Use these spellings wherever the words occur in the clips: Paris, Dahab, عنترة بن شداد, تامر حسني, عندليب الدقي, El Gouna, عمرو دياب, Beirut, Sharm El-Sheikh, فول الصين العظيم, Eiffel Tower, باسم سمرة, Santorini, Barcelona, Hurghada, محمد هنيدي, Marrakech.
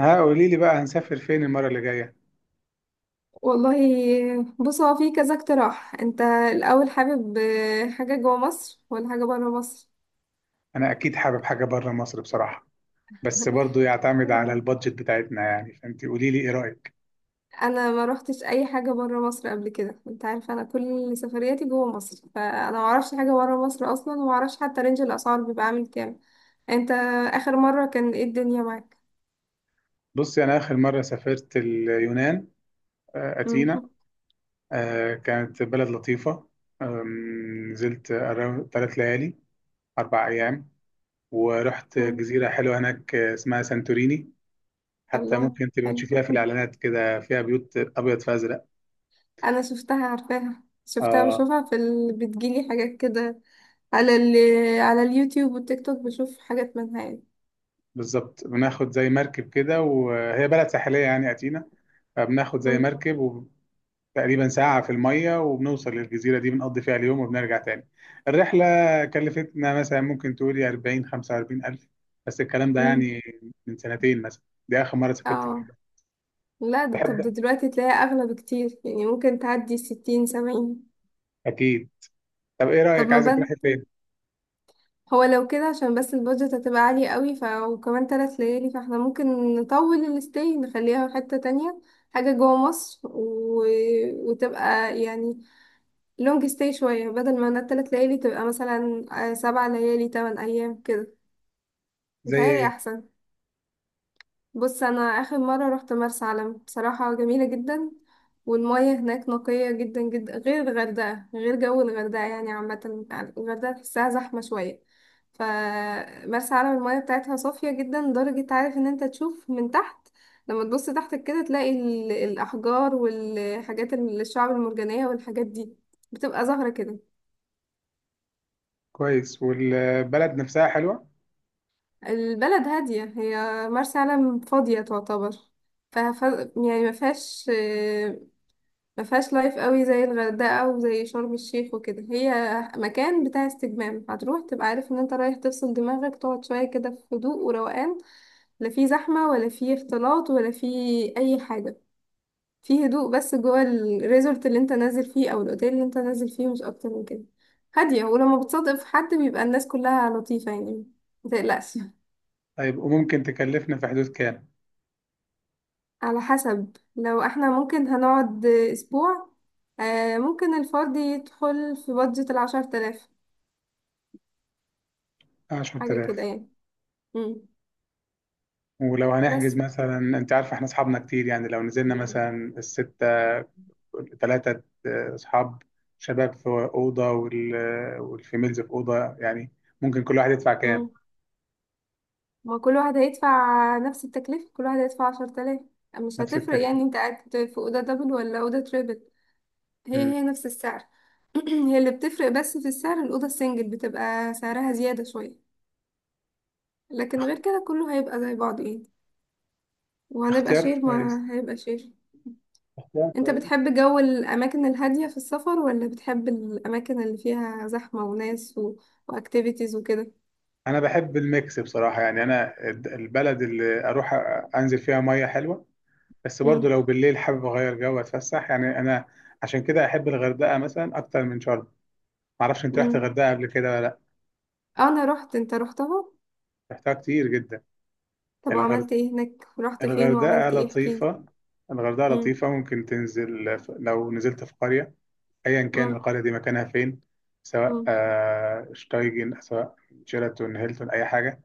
ها قولي لي بقى، هنسافر فين المرة اللي جاية؟ والله. بص، هو في كذا اقتراح. انت الاول حابب، حاجه جوه مصر ولا حاجه بره مصر؟ انا اكيد حابب حاجة بره مصر بصراحة. بس برضو يعتمد على آه، البادجت بتاعتنا يعني، فانت قولي لي ايه رأيك. انا ما روحتش اي حاجه بره مصر قبل كده. انت عارفه انا كل سفرياتي جوه مصر، فانا ما اعرفش حاجه بره مصر اصلا، وما اعرفش حتى رينج الاسعار بيبقى عامل كام. انت اخر مره كان ايه الدنيا معاك؟ بصي، انا اخر مرة سافرت اليونان. اثينا. مم. كانت بلد لطيفة. نزلت 3 ليالي، 4 ايام. ورحت مم. جزيرة حلوة هناك، اسمها سانتوريني. حتى الله، ممكن تبقى حلو. تشوفيها في مم. الاعلانات كده، فيها بيوت ابيض في ازرق. انا شفتها، عارفاها، شفتها، اه، بشوفها في بتجيلي حاجات كده على على اليوتيوب والتيك توك، بشوف حاجات منها يعني. بالظبط، بناخد زي مركب كده، وهي بلد ساحلية يعني اثينا. فبناخد زي مم. مركب، وتقريبا ساعة في المية وبنوصل للجزيرة دي، بنقضي فيها اليوم وبنرجع تاني. الرحلة كلفتنا مثلا ممكن تقولي 40 45 ألف، بس الكلام ده مم. يعني من سنتين مثلا، دي آخر مرة سافرت فيها. اه. لا، ده طب ده دلوقتي تلاقيها اغلى بكتير، يعني ممكن تعدي 60 70. أكيد. طب إيه طب رأيك، ما عايزة تروحي بد فين؟ هو لو كده، عشان بس البادجت هتبقى عالية قوي، ف وكمان 3 ليالي، فاحنا ممكن نطول الستي، نخليها في حتة تانية. حاجة جوه مصر وتبقى يعني لونج ستي شوية، بدل ما انا ال3 ليالي تبقى مثلا 7 ليالي 8 أيام كده. زي متهيألي إيه؟ أحسن. بص، انا اخر مره رحت مرسى علم، بصراحه جميله جدا. والمياه هناك نقيه جدا جدا، غير الغردقه، غير جو الغردقه يعني عامه. الغردقه تحسها زحمه شويه. فمرسى علم المياه بتاعتها صافيه جدا، لدرجه عارف ان انت تشوف من تحت. لما تبص تحتك كده تلاقي الاحجار والحاجات، الشعب المرجانيه والحاجات دي بتبقى ظاهره كده. كويس، والبلد نفسها حلوة. البلد هاديه، هي مرسى علم فاضيه تعتبر. فف... يعني ما فيهاش لايف قوي زي الغردقه وزي شرم الشيخ وكده. هي مكان بتاع استجمام، هتروح تبقى عارف ان انت رايح تفصل دماغك، تقعد شويه كده في هدوء وروقان. لا في زحمه، ولا في اختلاط، ولا في اي حاجه. في هدوء بس جوه الريزورت اللي انت نازل فيه او الاوتيل اللي انت نازل فيه، مش اكتر من كده. هاديه، ولما بتصادق في حد بيبقى الناس كلها لطيفه يعني. متقلقش. طيب وممكن تكلفنا في حدود كام؟ على حسب، لو احنا ممكن هنقعد اسبوع، ممكن الفرد يدخل في بادجت ال10 تلاف. حاجة كده 10000. يعني. مم. ولو هنحجز بس. مثلا، أنت عارفة إحنا أصحابنا كتير، يعني لو نزلنا مثلا الستة، ثلاثة أصحاب شباب في أوضة، والفيميلز في أوضة يعني، ممكن كل واحد يدفع كام. مم. ما كل واحد هيدفع نفس التكلفة، كل واحد هيدفع 10 آلاف. مش نفس هتفرق التكلفة. يعني انت قاعد في أوضة دبل ولا أوضة تريبل. هي مم. هي نفس السعر. هي اللي بتفرق بس في السعر، الأوضة السنجل بتبقى سعرها زيادة شوية. لكن غير كده كله هيبقى زي بعض يعني. وهنبقى اختيار شير، كويس، ما هيبقى شير. اختيار انت كويس. بتحب جو الأماكن الهادية في السفر ولا بتحب الأماكن اللي فيها زحمة وناس وأكتيفيتيز وكده؟ أنا بحب الميكس بصراحة، يعني أنا البلد اللي أروح، أنزل فيها مية حلوة. بس برضو مم. لو بالليل حابب أغير جو أتفسح يعني أنا. عشان كده أحب الغردقة مثلا أكتر من شرم. معرفش، أنت رحت مم. الغردقة قبل كده ولا لأ؟ انا رحت، انت رحتها؟ رحتها كتير جدا. طب الغرد... وعملت ايه هناك، رحت فين الغردقة وعملت ايه، احكيلي. لطيفة. الغردقة امم. لطيفة، ممكن تنزل لو نزلت في قرية، أيا كان امم. القرية دي مكانها فين، سواء امم. شتايجن، سواء شيراتون هيلتون، أي حاجة،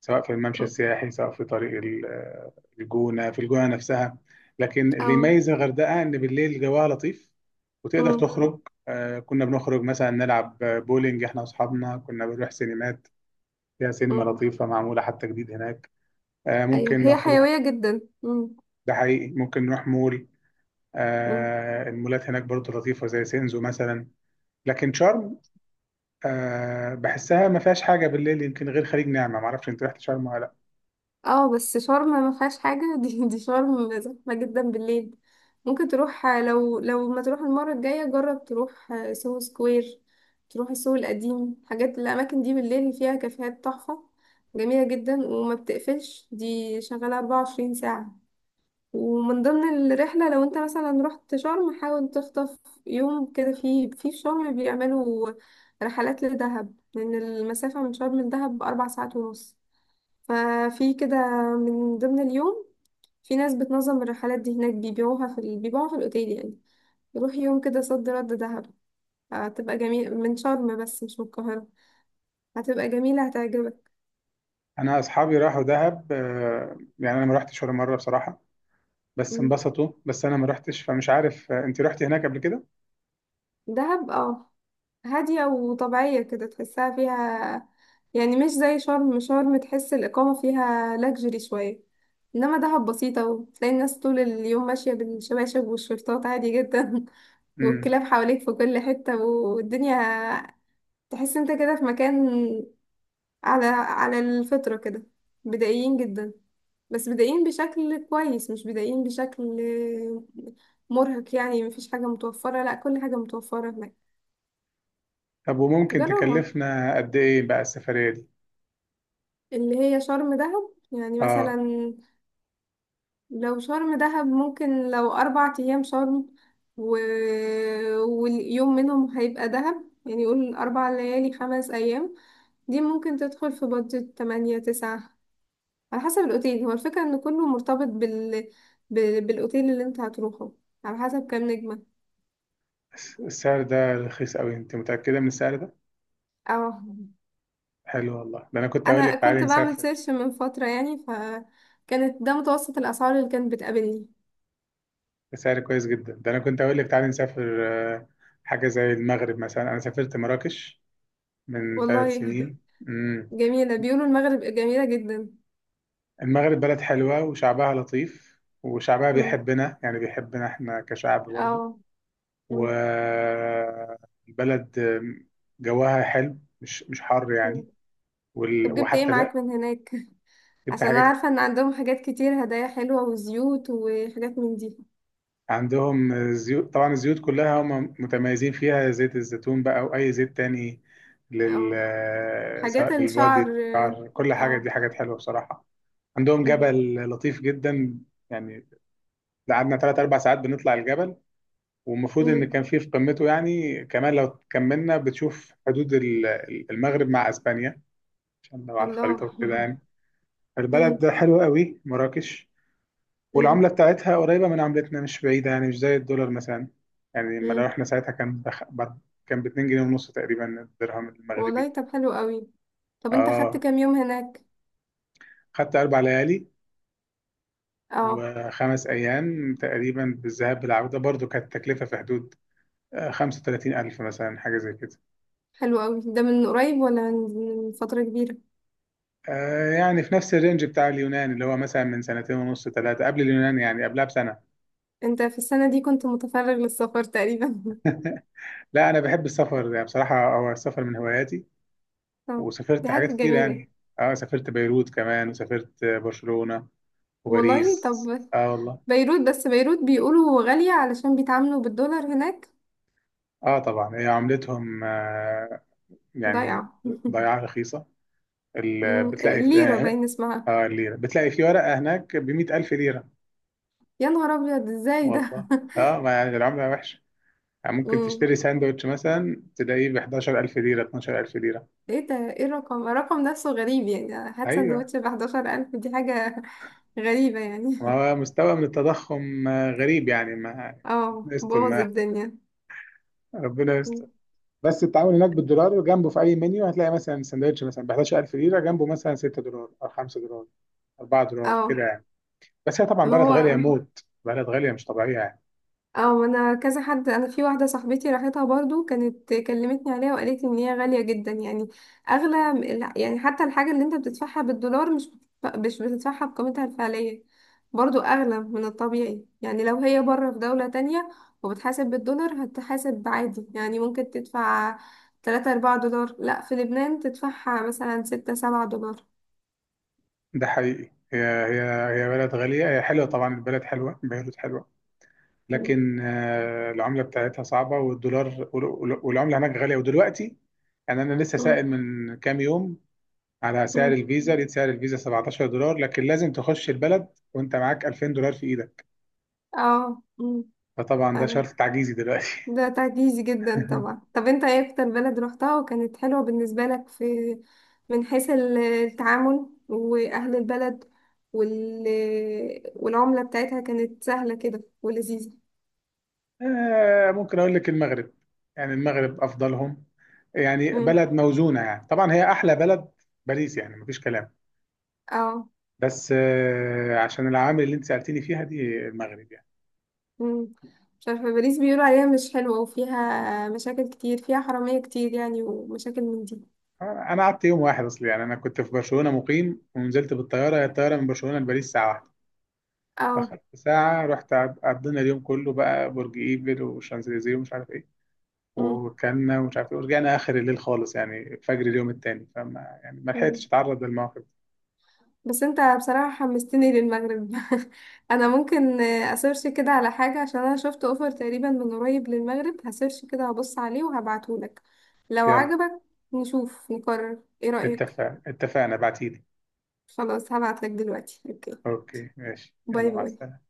سواء في الممشى امم. السياحي، سواء في طريق الجونة، في الجونة نفسها. لكن اللي اه. يميز الغردقة إن بالليل جواها لطيف، وتقدر امم. تخرج. كنا بنخرج مثلا نلعب بولينج إحنا وأصحابنا، كنا بنروح سينمات، فيها سينما امم. لطيفة معمولة حتى جديد هناك. ايوه، ممكن هي نروح، حيوية جدا. امم. ده حقيقي ممكن نروح مول. امم. المولات هناك برضه لطيفة زي سينزو مثلا. لكن شرم، أه بحسها ما فيهاش حاجه بالليل، يمكن غير خليج نعمه. ما اعرفش، انت رحت شرم ولا لا؟ اه بس شرم ما فيهاش حاجة. دي شرم زحمة جدا بالليل. ممكن تروح، لو ما تروح المرة الجاية جرب تروح سوهو سكوير، تروح السوق القديم. حاجات الأماكن دي بالليل فيها كافيهات تحفة، جميلة جدا. وما بتقفلش، دي شغالة 24 ساعة. ومن ضمن الرحلة، لو انت مثلا رحت شرم، حاول تخطف يوم كده، في شرم بيعملوا رحلات لدهب، لأن المسافة من شرم لدهب 4 ساعات ونص. ففي كده من ضمن اليوم، في ناس بتنظم الرحلات دي هناك، بيبيعوها في الأوتيل يعني. يروح يوم كده صد رد دهب. هتبقى جميلة من شرم، بس مش من القاهرة. هتبقى جميلة، هتعجبك. انا اصحابي راحوا دهب، أه يعني انا ما رحتش ولا مره بصراحه، بس انبسطوا، بس انا ما رحتش فمش عارف. انت رحتي هناك قبل كده؟ دهب اه، هادية وطبيعية كده تحسها فيها يعني. مش زي شرم، شرم تحس الإقامة فيها لاكجري شوية. إنما دهب بسيطة، وتلاقي الناس طول اليوم ماشية بالشباشب والشرطات عادي جدا. امم. والكلاب حواليك في كل حتة، والدنيا تحس انت كده في مكان، على الفطرة كده. بدائيين جدا، بس بدائيين بشكل كويس، مش بدائيين بشكل مرهق يعني. مفيش حاجة متوفرة؟ لا، كل حاجة متوفرة هناك. طب وممكن جربها. تكلفنا قد ايه بقى السفريه دي؟ اللي هي شرم دهب يعني اه. مثلا، لو شرم دهب ممكن، لو 4 أيام شرم و... واليوم منهم هيبقى دهب، يعني يقول 4 ليالي 5 أيام. دي ممكن تدخل في بادجت 8 9، على حسب الأوتيل. هو الفكرة إن كله مرتبط بالأوتيل اللي أنت هتروحه، على حسب كام نجمة. السعر ده رخيص قوي، انت متاكده من السعر ده؟ اه، حلو والله، ده انا كنت اقول أنا لك تعالي كنت بعمل نسافر سيرش من فترة يعني، فكانت ده متوسط الأسعار اللي كانت بتقابلني. بسعر كويس جدا. ده انا كنت اقول لك تعالي نسافر. آه، حاجه زي المغرب مثلا، انا سافرت مراكش من ثلاث والله سنين مم. جميلة، بيقولوا المغرب جميلة جدا. المغرب بلد حلوة، وشعبها لطيف، وشعبها مم. بيحبنا يعني، بيحبنا احنا كشعب برضه. اه. مم. والبلد جواها حلو، مش حر مم. يعني. طب جبت ايه وحتى لا. معاك من هناك؟ جبت عشان انا حاجات. عارفة ان عندهم حاجات كتير، هدايا حلوة وزيوت وحاجات من دي. عندهم زيوت طبعا، الزيوت كلها هم متميزين فيها، زيت الزيتون بقى او اي زيت تاني لل اه، حاجات سواء الشعر. للبادي، للشعر، كل حاجة اه. دي حاجات حلوة بصراحة. عندهم مم. جبل لطيف جدا يعني، قعدنا ثلاث اربع ساعات بنطلع الجبل، والمفروض ان مم. كان في قمته يعني، كمان لو كملنا بتشوف حدود المغرب مع اسبانيا، عشان لو على الله. الخريطه وكده يعني. البلد مم. ده حلوه قوي، مراكش. مم. والعمله بتاعتها قريبه من عملتنا، مش بعيده يعني، مش زي الدولار مثلا. يعني لما لو مم. احنا ساعتها كان كان ب 2 جنيه ونص تقريبا الدرهم المغربي. والله طب حلو قوي. طب انت خدت اه، كام يوم هناك؟ خدت 4 ليالي اه. وخمس ايام تقريبا، بالذهاب بالعوده، برضو كانت التكلفه في حدود 35000 مثلا، حاجه زي كده. حلو قوي. ده من قريب ولا من من فترة كبيرة؟ يعني في نفس الرينج بتاع اليونان، اللي هو مثلا من سنتين ونص ثلاثة قبل اليونان، يعني قبلها بسنة. انت في السنة دي كنت متفرغ للسفر تقريبا. لا، أنا بحب السفر يعني بصراحة، هو السفر من هواياتي، اه. دي وسافرت حاجات حاجة كتير جميلة. يعني. اه، سافرت بيروت كمان، وسافرت برشلونة والله طب، وباريس. اه والله. بيروت. بس بيروت بيقولوا غالية علشان بيتعاملوا بالدولار هناك. اه طبعا هي عملتهم يعني ضايعة. ضياعة رخيصة. ال- أمم، بتلاقي في- ليرة اه باين اسمها. الليرة بتلاقي في ورقة هناك بمئة ألف ليرة. يا نهار أبيض، ازاي ده؟ والله. اه، ما يعني العملة وحشة، يعني ممكن أمم، تشتري ساندوتش مثلا تلاقيه ب 11000 ليرة 12000 ليرة. ايه ده؟ ايه الرقم؟ الرقم نفسه غريب يعني. هات ايوه، سندوتش ب11 ألف، دي حاجة غريبة يعني. ما هو مستوى من التضخم غريب يعني ما. اه، ربنا يستر بوظ ما. الدنيا. ربنا يستر. مم. بس التعامل هناك بالدولار جنبه، في اي منيو هتلاقي مثلا سندوتش مثلا ب 11000 ليره، جنبه مثلا 6 دولار او 5 دولار، 4 دولار كده اه. يعني. بس هي طبعا ما بلد غاليه هو. موت، بلد غاليه مش طبيعيه يعني. او انا كذا حد، انا في واحده صاحبتي راحتها برضو، كانت كلمتني عليها وقالت لي ان هي غاليه جدا يعني، اغلى لا، يعني حتى الحاجه اللي انت بتدفعها بالدولار مش مش بتدفعها بقيمتها الفعليه. برضو اغلى من الطبيعي يعني. لو هي بره في دوله تانية وبتحاسب بالدولار، هتحاسب عادي، يعني ممكن تدفع 3 4 دولار، لا في لبنان تدفعها مثلا 6 7 دولار. ده حقيقي، هي هي. هي بلد غاليه، هي حلوه طبعا، البلد حلوه، بيروت حلوه، م- لكن العمله بتاعتها صعبه، والدولار والعمله هناك غاليه ودلوقتي. يعني انا لسه سائل م- من كام يوم على سعر م. الفيزا، لقيت سعر الفيزا 17 دولار، لكن لازم تخش البلد وانت معاك 2000 دولار في ايدك، اه، م. فطبعا ده شرط تعجيزي دلوقتي. ده تعجيزي جدا طبعا. طب انت ايه اكتر بلد روحتها وكانت حلوة بالنسبة لك، في من حيث التعامل واهل البلد وال... والعملة بتاعتها كانت سهلة كده ولذيذة؟ ممكن اقول لك المغرب، يعني المغرب افضلهم، يعني امم. بلد موزونه يعني، طبعا هي احلى بلد، باريس يعني مفيش كلام، اه. بس عشان العوامل اللي انت سالتني فيها دي، المغرب يعني. امم. مش عارفة، باريس بيقولوا عليها مش حلوة، وفيها مشاكل كتير، فيها حرامية كتير يعني، ومشاكل من دي. انا قعدت يوم واحد اصلي، يعني انا كنت في برشلونه مقيم ونزلت بالطياره، هي الطياره من برشلونه لباريس ساعه واحدة. اه. أخدت ساعة، رحت عدينا اليوم كله بقى، برج إيفل وشانزليزيه ومش عارف إيه، وكنا ومش عارف إيه، ورجعنا آخر الليل خالص يعني فجر اليوم التاني، فما يعني ما لحقتش امم. أتعرض للمواقف. بس انت بصراحة حمستني للمغرب. انا ممكن اسيرش كده على حاجة. عشان انا شفت اوفر تقريبا من قريب للمغرب، هسيرش كده، هبص عليه وهبعتهولك لو يلا، عجبك. نشوف نقرر. ايه رأيك؟ اتفقنا، بعتيلي. خلاص، هبعتلك دلوقتي. اوكي، أوكي ماشي، باي يلا، مع باي. السلامة.